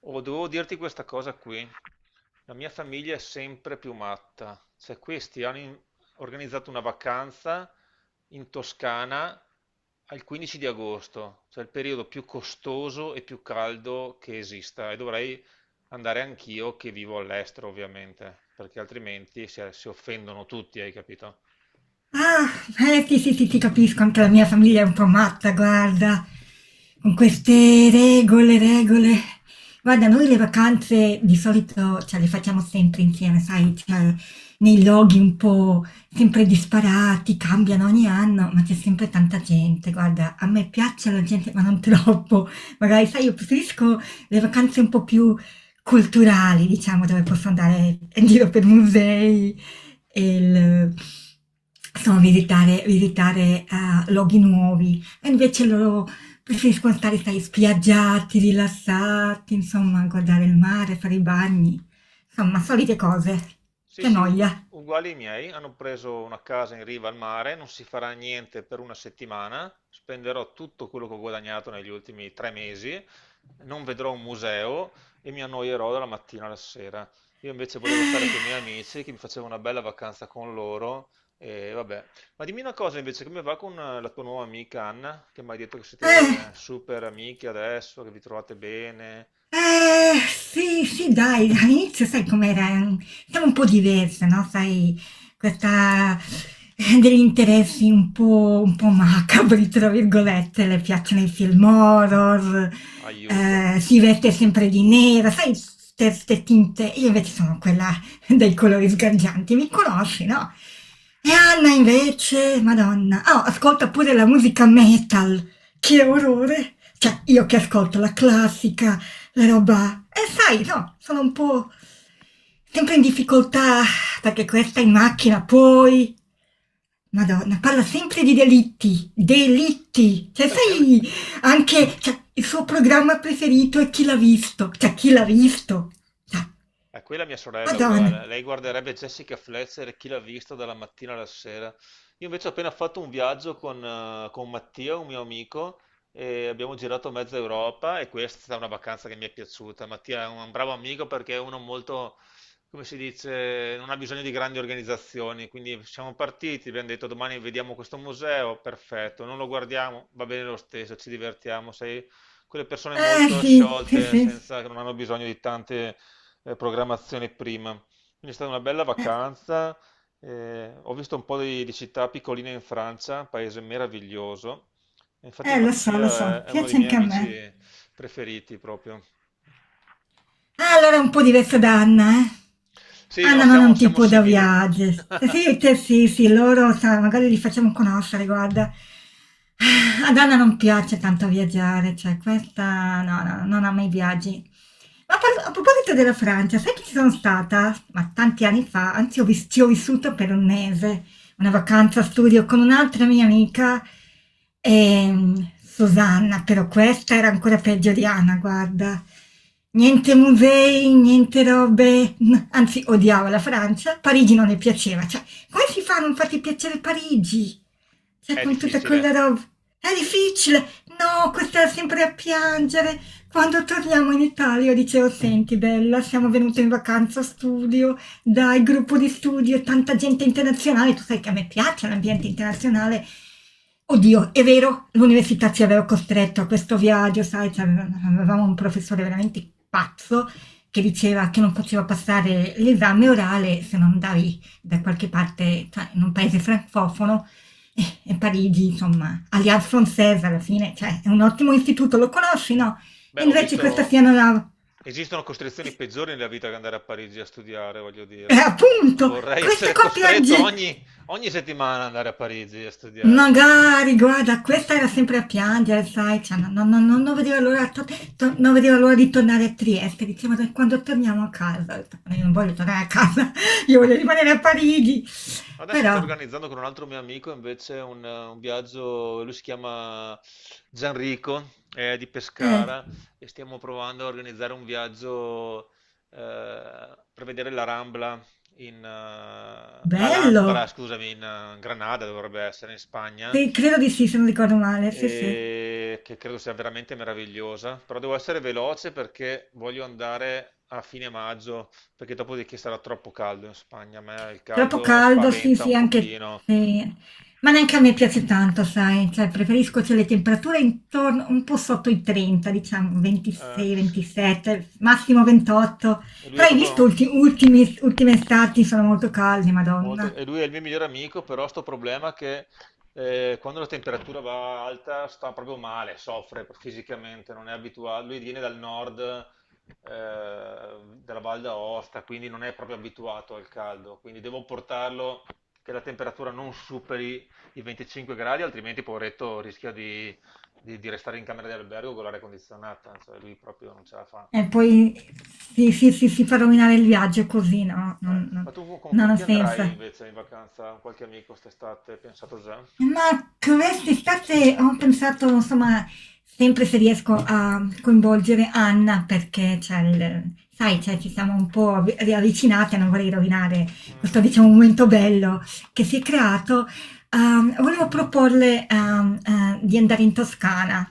Oh, devo dirti questa cosa qui. La mia famiglia è sempre più matta. Cioè, questi hanno organizzato una vacanza in Toscana al 15 di agosto, cioè il periodo più costoso e più caldo che esista. E dovrei andare anch'io che vivo all'estero, ovviamente, perché altrimenti si offendono tutti, hai capito? Ah, sì, sì, sì, ti capisco, anche la mia famiglia è un po' matta, guarda, con queste regole. Guarda, noi le vacanze di solito cioè, le facciamo sempre insieme, sai, cioè, nei luoghi un po' sempre disparati, cambiano ogni anno, ma c'è sempre tanta gente. Guarda, a me piace la gente, ma non troppo. Magari, sai, io preferisco le vacanze un po' più culturali, diciamo, dove posso andare in giro per musei, e il, insomma, visitare luoghi nuovi. E invece loro preferiscono stare, sai, spiaggiati, rilassati, insomma, guardare il mare, fare i bagni, insomma, solite cose. Sì, Che sì, noia. uguali ai miei, hanno preso una casa in riva al mare, non si farà niente per una settimana, spenderò tutto quello che ho guadagnato negli ultimi 3 mesi, non vedrò un museo e mi annoierò dalla mattina alla sera. Io invece volevo stare con i miei amici, che mi facevo una bella vacanza con loro e vabbè. Ma dimmi una cosa invece, come va con la tua nuova amica Anna, che mi hai detto che Eh. siete super amiche adesso, che vi trovate bene? Sì, sì, dai, all'inizio sai com'era? Stavo un po' diversa, no? Sai, questa degli interessi un po' macabri, tra virgolette, le piacciono i film horror, Aiuto. Si veste sempre di nera, sai, queste tinte. Io invece sono quella dai colori sgargianti, mi conosci, no? E Anna invece, Madonna, oh, ascolta pure la musica metal, che orrore! Cioè, io che ascolto la classica la roba. E sai, no, sono un po' sempre in difficoltà perché questa in macchina poi. Madonna, parla sempre di delitti, delitti. Cioè, È un- sai, anche cioè, il suo programma preferito è Chi l'ha visto. Cioè, chi l'ha visto? Cioè, È quella mia sorella è Madonna. uguale, lei guarderebbe Jessica Fletcher e chi l'ha vista dalla mattina alla sera. Io invece ho appena fatto un viaggio con Mattia, un mio amico, e abbiamo girato mezza Europa e questa è stata una vacanza che mi è piaciuta. Mattia è un bravo amico perché è uno molto, come si dice, non ha bisogno di grandi organizzazioni, quindi siamo partiti, abbiamo detto domani vediamo questo museo, perfetto, non lo guardiamo, va bene lo stesso, ci divertiamo, sei quelle persone Eh molto sì, sì, sciolte, sì. senza, che non hanno bisogno di tante programmazione prima. Quindi è stata una bella Eh, vacanza. Ho visto un po' di città piccoline in Francia, un paese meraviglioso. E infatti lo Mattia è, so, è uno dei piace miei anche a me. amici preferiti proprio. Ah, allora è un po' diverso da Anna, eh. Sì, no, Anna non è siamo, un siamo tipo da simili. viaggio. Se sì, te sì, sì, loro, sa, magari li facciamo conoscere, guarda. Ah, ad Anna non piace tanto viaggiare, cioè questa no, no, non ama i viaggi. A proposito della Francia, sai che ci sono stata? Ma tanti anni fa, anzi ci ho vissuto per un mese una vacanza studio con un'altra mia amica, Susanna, però questa era ancora peggio di Anna, guarda. Niente musei, niente robe, anzi odiavo la Francia, Parigi non le piaceva, cioè come si fa a non farti piacere Parigi? Cioè È con tutta difficile. quella roba, è difficile, no, questa è sempre a piangere. Quando torniamo in Italia io dicevo, senti bella, siamo venute in vacanza studio, dai, gruppo di studio e tanta gente internazionale, tu sai che a me piace l'ambiente internazionale. Oddio, è vero, l'università ci aveva costretto a questo viaggio, sai, avevamo un professore veramente pazzo che diceva che non poteva passare l'esame orale se non andavi da qualche parte, cioè in un paese francofono, e Parigi, insomma, Alliance Française alla fine, cioè è un ottimo istituto, lo conosci, no? Beh, E ho invece questa visto. sia non la. Esistono costrizioni peggiori nella vita che andare a Parigi a studiare, voglio E dire. appunto, Vorrei questa essere qua costretto piange! ogni settimana ad andare a Parigi a studiare. Magari, guarda, questa era sempre a piangere, sai, cioè, no- no- no- no- non, vedeva l'ora, non vedeva l'ora di tornare a Trieste, diceva "Dai, quando torniamo a casa," ho detto, "Ma io non voglio tornare a casa, io voglio rimanere a Parigi, Adesso sto però," organizzando con un altro mio amico invece un viaggio, lui si chiama Gianrico, è di eh, Pescara e stiamo provando a organizzare un viaggio per vedere la Rambla, in, l'Alhambra, bello. scusami, in Granada dovrebbe essere, in Spagna, Sì, credo di sì se non ricordo male, sì sì. e che credo sia veramente meravigliosa, però devo essere veloce perché voglio andare a fine maggio perché dopodiché sarà troppo caldo in Spagna. A me il Troppo caldo caldo, sì, spaventa sì, un anche pochino. se ma neanche a me piace tanto, sai, cioè preferisco cioè, le temperature intorno un po' sotto i 30, diciamo eh, 26, 27, massimo 28. e lui è Però hai visto proprio ultime estati sono molto calde, molto, Madonna. e lui è il mio migliore amico, però sto problema che quando la temperatura va alta sta proprio male, soffre fisicamente, non è abituato, lui viene dal nord della Val d'Aosta, quindi non è proprio abituato al caldo, quindi devo portarlo che la temperatura non superi i 25 gradi, altrimenti poveretto rischia di restare in camera di albergo con l'aria condizionata, cioè lui proprio non ce la fa. E poi sì, sì, sì, si fa rovinare il viaggio così, no, Ma tu con non ha chi senso. andrai invece in vacanza? Con qualche amico quest'estate? Pensato già? Ma quest'estate ho pensato, insomma, sempre se riesco a coinvolgere Anna, perché c'è il, sai, cioè, ci siamo un po' riavvicinate, non vorrei rovinare questo, Mm, diciamo, momento bello che si è creato. Volevo proporle, di andare in Toscana.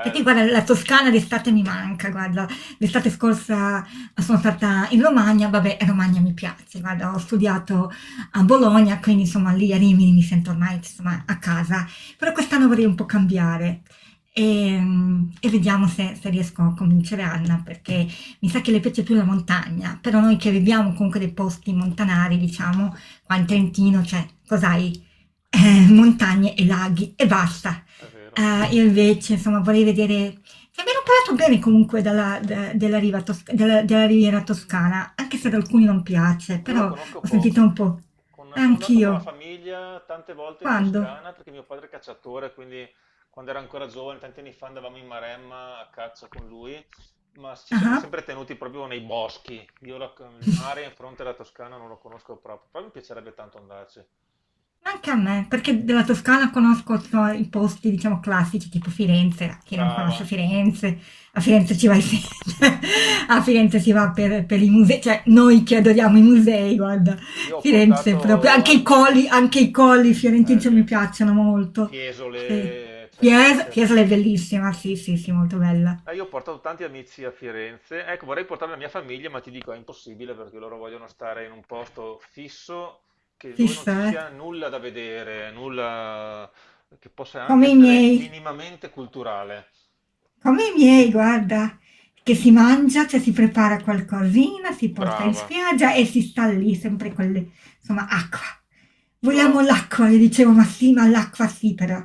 Perché guarda, la Toscana d'estate mi manca, guarda, l'estate scorsa sono stata in Romagna, vabbè, Romagna mi piace, guarda, ho studiato a Bologna, quindi insomma lì a Rimini mi sento ormai insomma, a casa, però quest'anno vorrei un po' cambiare. E, e vediamo se riesco a convincere Anna perché mi sa che le piace più la montagna, però noi che viviamo comunque dei posti montanari, diciamo, qua in Trentino, cioè, cos'hai? Montagne e laghi e basta. è vero. Io invece, insomma, vorrei vedere. Cioè, mi hanno parlato bene comunque della della Riviera Toscana, anche se ad alcuni non piace, Io lo però conosco ho sentito un poco. po'. Sono andato con la Anch'io. famiglia tante volte in Quando? Toscana perché mio padre è cacciatore, quindi quando era ancora giovane, tanti anni fa, andavamo in Maremma a caccia con lui, ma ci siamo Ah. sempre tenuti proprio nei boschi. Io il Ah. mare in fronte alla Toscana non lo conosco proprio, però mi piacerebbe tanto andarci. Anche a me, perché della Toscana conosco so, i posti, diciamo, classici, tipo Firenze, chi non conosce Brava. Firenze, a Firenze ci vai sempre, a Firenze si va per i musei, cioè noi che adoriamo i musei, guarda, Io ho Firenze portato proprio, almeno anche i colli fiorentini cioè, mi Ellie, piacciono molto, sì. Fiesole, eccetera, eccetera. Fiesole è bellissima, sì, sì, sì, molto bella, Io ho portato tanti amici a Firenze. Ecco, vorrei portare la mia famiglia, ma ti dico è impossibile perché loro vogliono stare in un posto fisso che- dove non ci fissa, eh? sia nulla da vedere, nulla che possa anche Come i essere miei. minimamente culturale. Come i miei, guarda, che si mangia, cioè si prepara qualcosina, si porta in Brava. spiaggia e si sta lì sempre con le, insomma, acqua. Io l'ho. Vogliamo l'acqua, le dicevo, ma sì, ma l'acqua sì, però.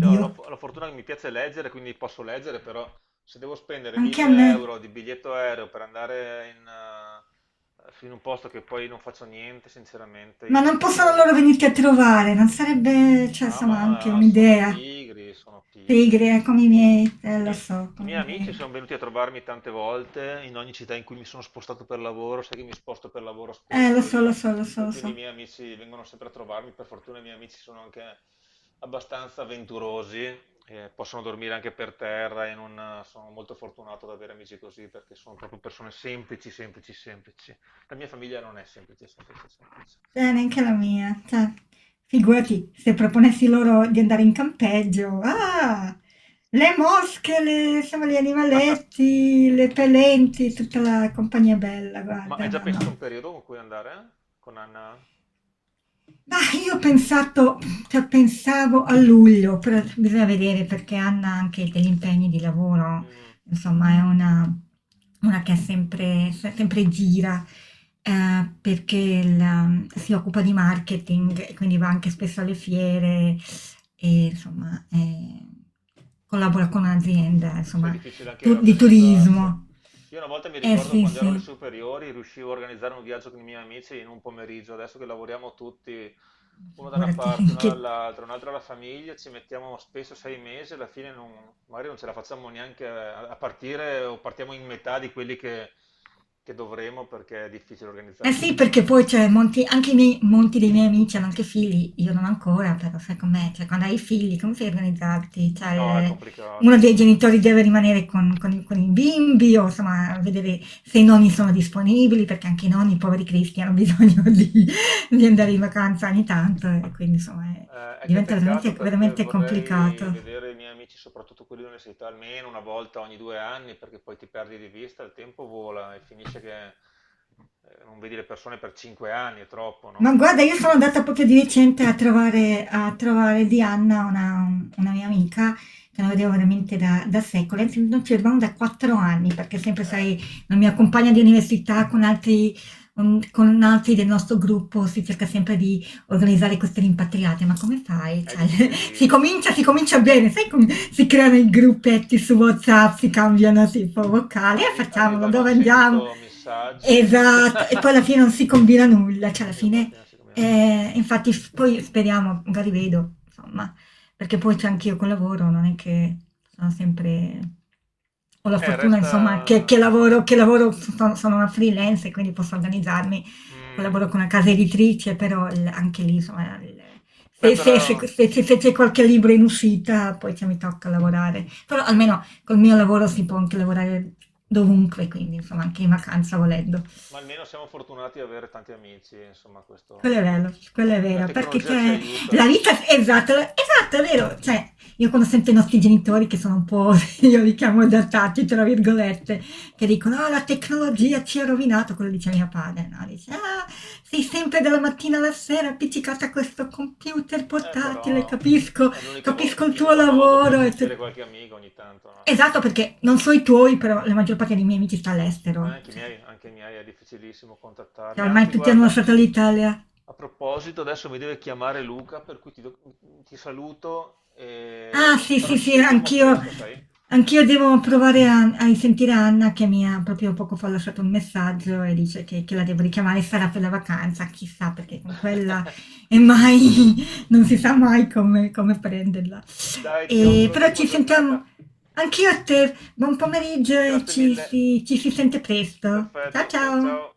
Io ho la, la fortuna che mi piace leggere, quindi posso leggere, però se devo spendere anche a me. 1000 euro di biglietto aereo per andare in un posto che poi non faccio niente, sinceramente, io Ma non possono preferirei. loro venirti a trovare, non sarebbe, cioè, Ah, insomma, anche ma sono un'idea. pigri, sono pigri. Pigri, come i miei, I lo miei, so, i come miei i amici miei. sono venuti a trovarmi tante volte in ogni città in cui mi sono spostato per lavoro, sai che mi sposto per lavoro Lo spesso so, lo io, so, lo so, e lo quindi i so. miei amici vengono sempre a trovarmi. Per fortuna i miei amici sono anche abbastanza avventurosi, possono dormire anche per terra e non, sono molto fortunato ad avere amici così perché sono proprio persone semplici, semplici, semplici. La mia famiglia non è semplice, semplice, semplice. Neanche la mia. Cioè, figurati, se proponessi loro di andare in campeggio. Ah, le mosche, insomma, gli animaletti, le pelenti, tutta la compagnia bella, Ma guarda, hai già no, pensato un no. periodo con cui andare con Anna? Ma io ho pensato, cioè, pensavo a luglio, però bisogna vedere perché Anna ha anche degli impegni di lavoro, Mm, insomma è una che è sempre, sempre gira, perché si occupa di marketing, e quindi va anche spesso alle fiere e insomma collabora con un'azienda, sai, è insomma, difficile anche di organizzarsi. turismo. Io una volta mi Eh ricordo sì, quando ero alle sì, superiori, riuscivo a organizzare un viaggio con i miei amici in un pomeriggio. Adesso che lavoriamo tutti, uno da una parte, figurati uno che. dall'altra, un altro alla famiglia, ci mettiamo spesso 6 mesi, alla fine non- magari non ce la facciamo neanche a partire o partiamo in metà di quelli che dovremo perché è difficile Eh organizzare sì, tutto. perché poi c'è molti, anche i miei, molti dei miei amici hanno anche figli, io non ancora, però sai com'è, cioè quando hai figli come fai a organizzarti? Cioè, No, è uno complicato. dei genitori deve rimanere con con i bimbi o insomma vedere se i nonni sono disponibili, perché anche i nonni, poveri cristi, hanno bisogno di andare in vacanza ogni tanto e quindi insomma È che diventa peccato perché veramente vorrei complicato. vedere i miei amici, soprattutto quelli dell'università, almeno una volta ogni 2 anni, perché poi ti perdi di vista, il tempo vola e finisce che non vedi le persone per 5 anni, è troppo, Ma no? guarda, io sono andata proprio di recente a a trovare Diana, una mia amica, che non vedevo veramente da secoli, anzi non ci vedevamo da quattro anni, perché sempre, Eh, sai, la mia compagna di università con altri, con altri del nostro gruppo si cerca sempre di organizzare queste rimpatriate, ma come fai? è Cioè, difficilissimo. si comincia bene, sai come si creano i gruppetti su WhatsApp, si cambiano tipo vocali, e facciamolo, Arrivano dove andiamo? 100 messaggi Esatto, e poi alla fine non si combina nulla, cioè alla e dopo alla fine. fine si cambiano. Infatti f poi speriamo, magari vedo, insomma, perché poi c'è anch'io col lavoro, non è che sono sempre ho la fortuna insomma resta. Che lavoro sono una freelance e quindi posso organizzarmi, Mm. collaboro con una casa editrice, però il anche lì insomma il Beh, però. Se c'è qualche libro in uscita poi cioè mi tocca lavorare. Però Sì. almeno col mio lavoro si può anche lavorare dovunque, quindi insomma anche in vacanza volendo. Ma almeno siamo fortunati ad avere tanti amici, insomma, questo almeno Quello è la vero, perché tecnologia ci c'è aiuta. la vita, esatto, esatto, è vero, cioè io quando sento i nostri genitori che sono un po', io li chiamo adattati, tra virgolette, che dicono, ah, la tecnologia ci ha rovinato, quello dice mio padre, no? Dice, ah, sei sempre dalla mattina alla sera appiccicata a questo computer portatile, Però capisco, è l'unica capisco il tuo l'unico modo per lavoro. Sentire qualche amico ogni tanto, no? Almeno. Esatto, perché non so eh, i tuoi, però la maggior parte dei miei amici sta all'estero, anche i miei è difficilissimo contattarli. cioè, ormai Anzi, tutti hanno guarda, lasciato l'Italia. a proposito, adesso mi deve chiamare Luca, per cui ti saluto, Ah sì, però sì, ci sì, sentiamo presto, sai? anch'io devo provare a a risentire Anna che mi ha proprio poco fa lasciato un messaggio e dice che la devo richiamare, sarà per la vacanza, chissà, perché con quella è mai non si sa mai come prenderla. Dai, ti auguro Però un'ottima ci giornata. sentiamo anch'io a te, buon pomeriggio e Grazie mille. Ci si sente presto. Ciao, Perfetto, ciao ciao. ciao.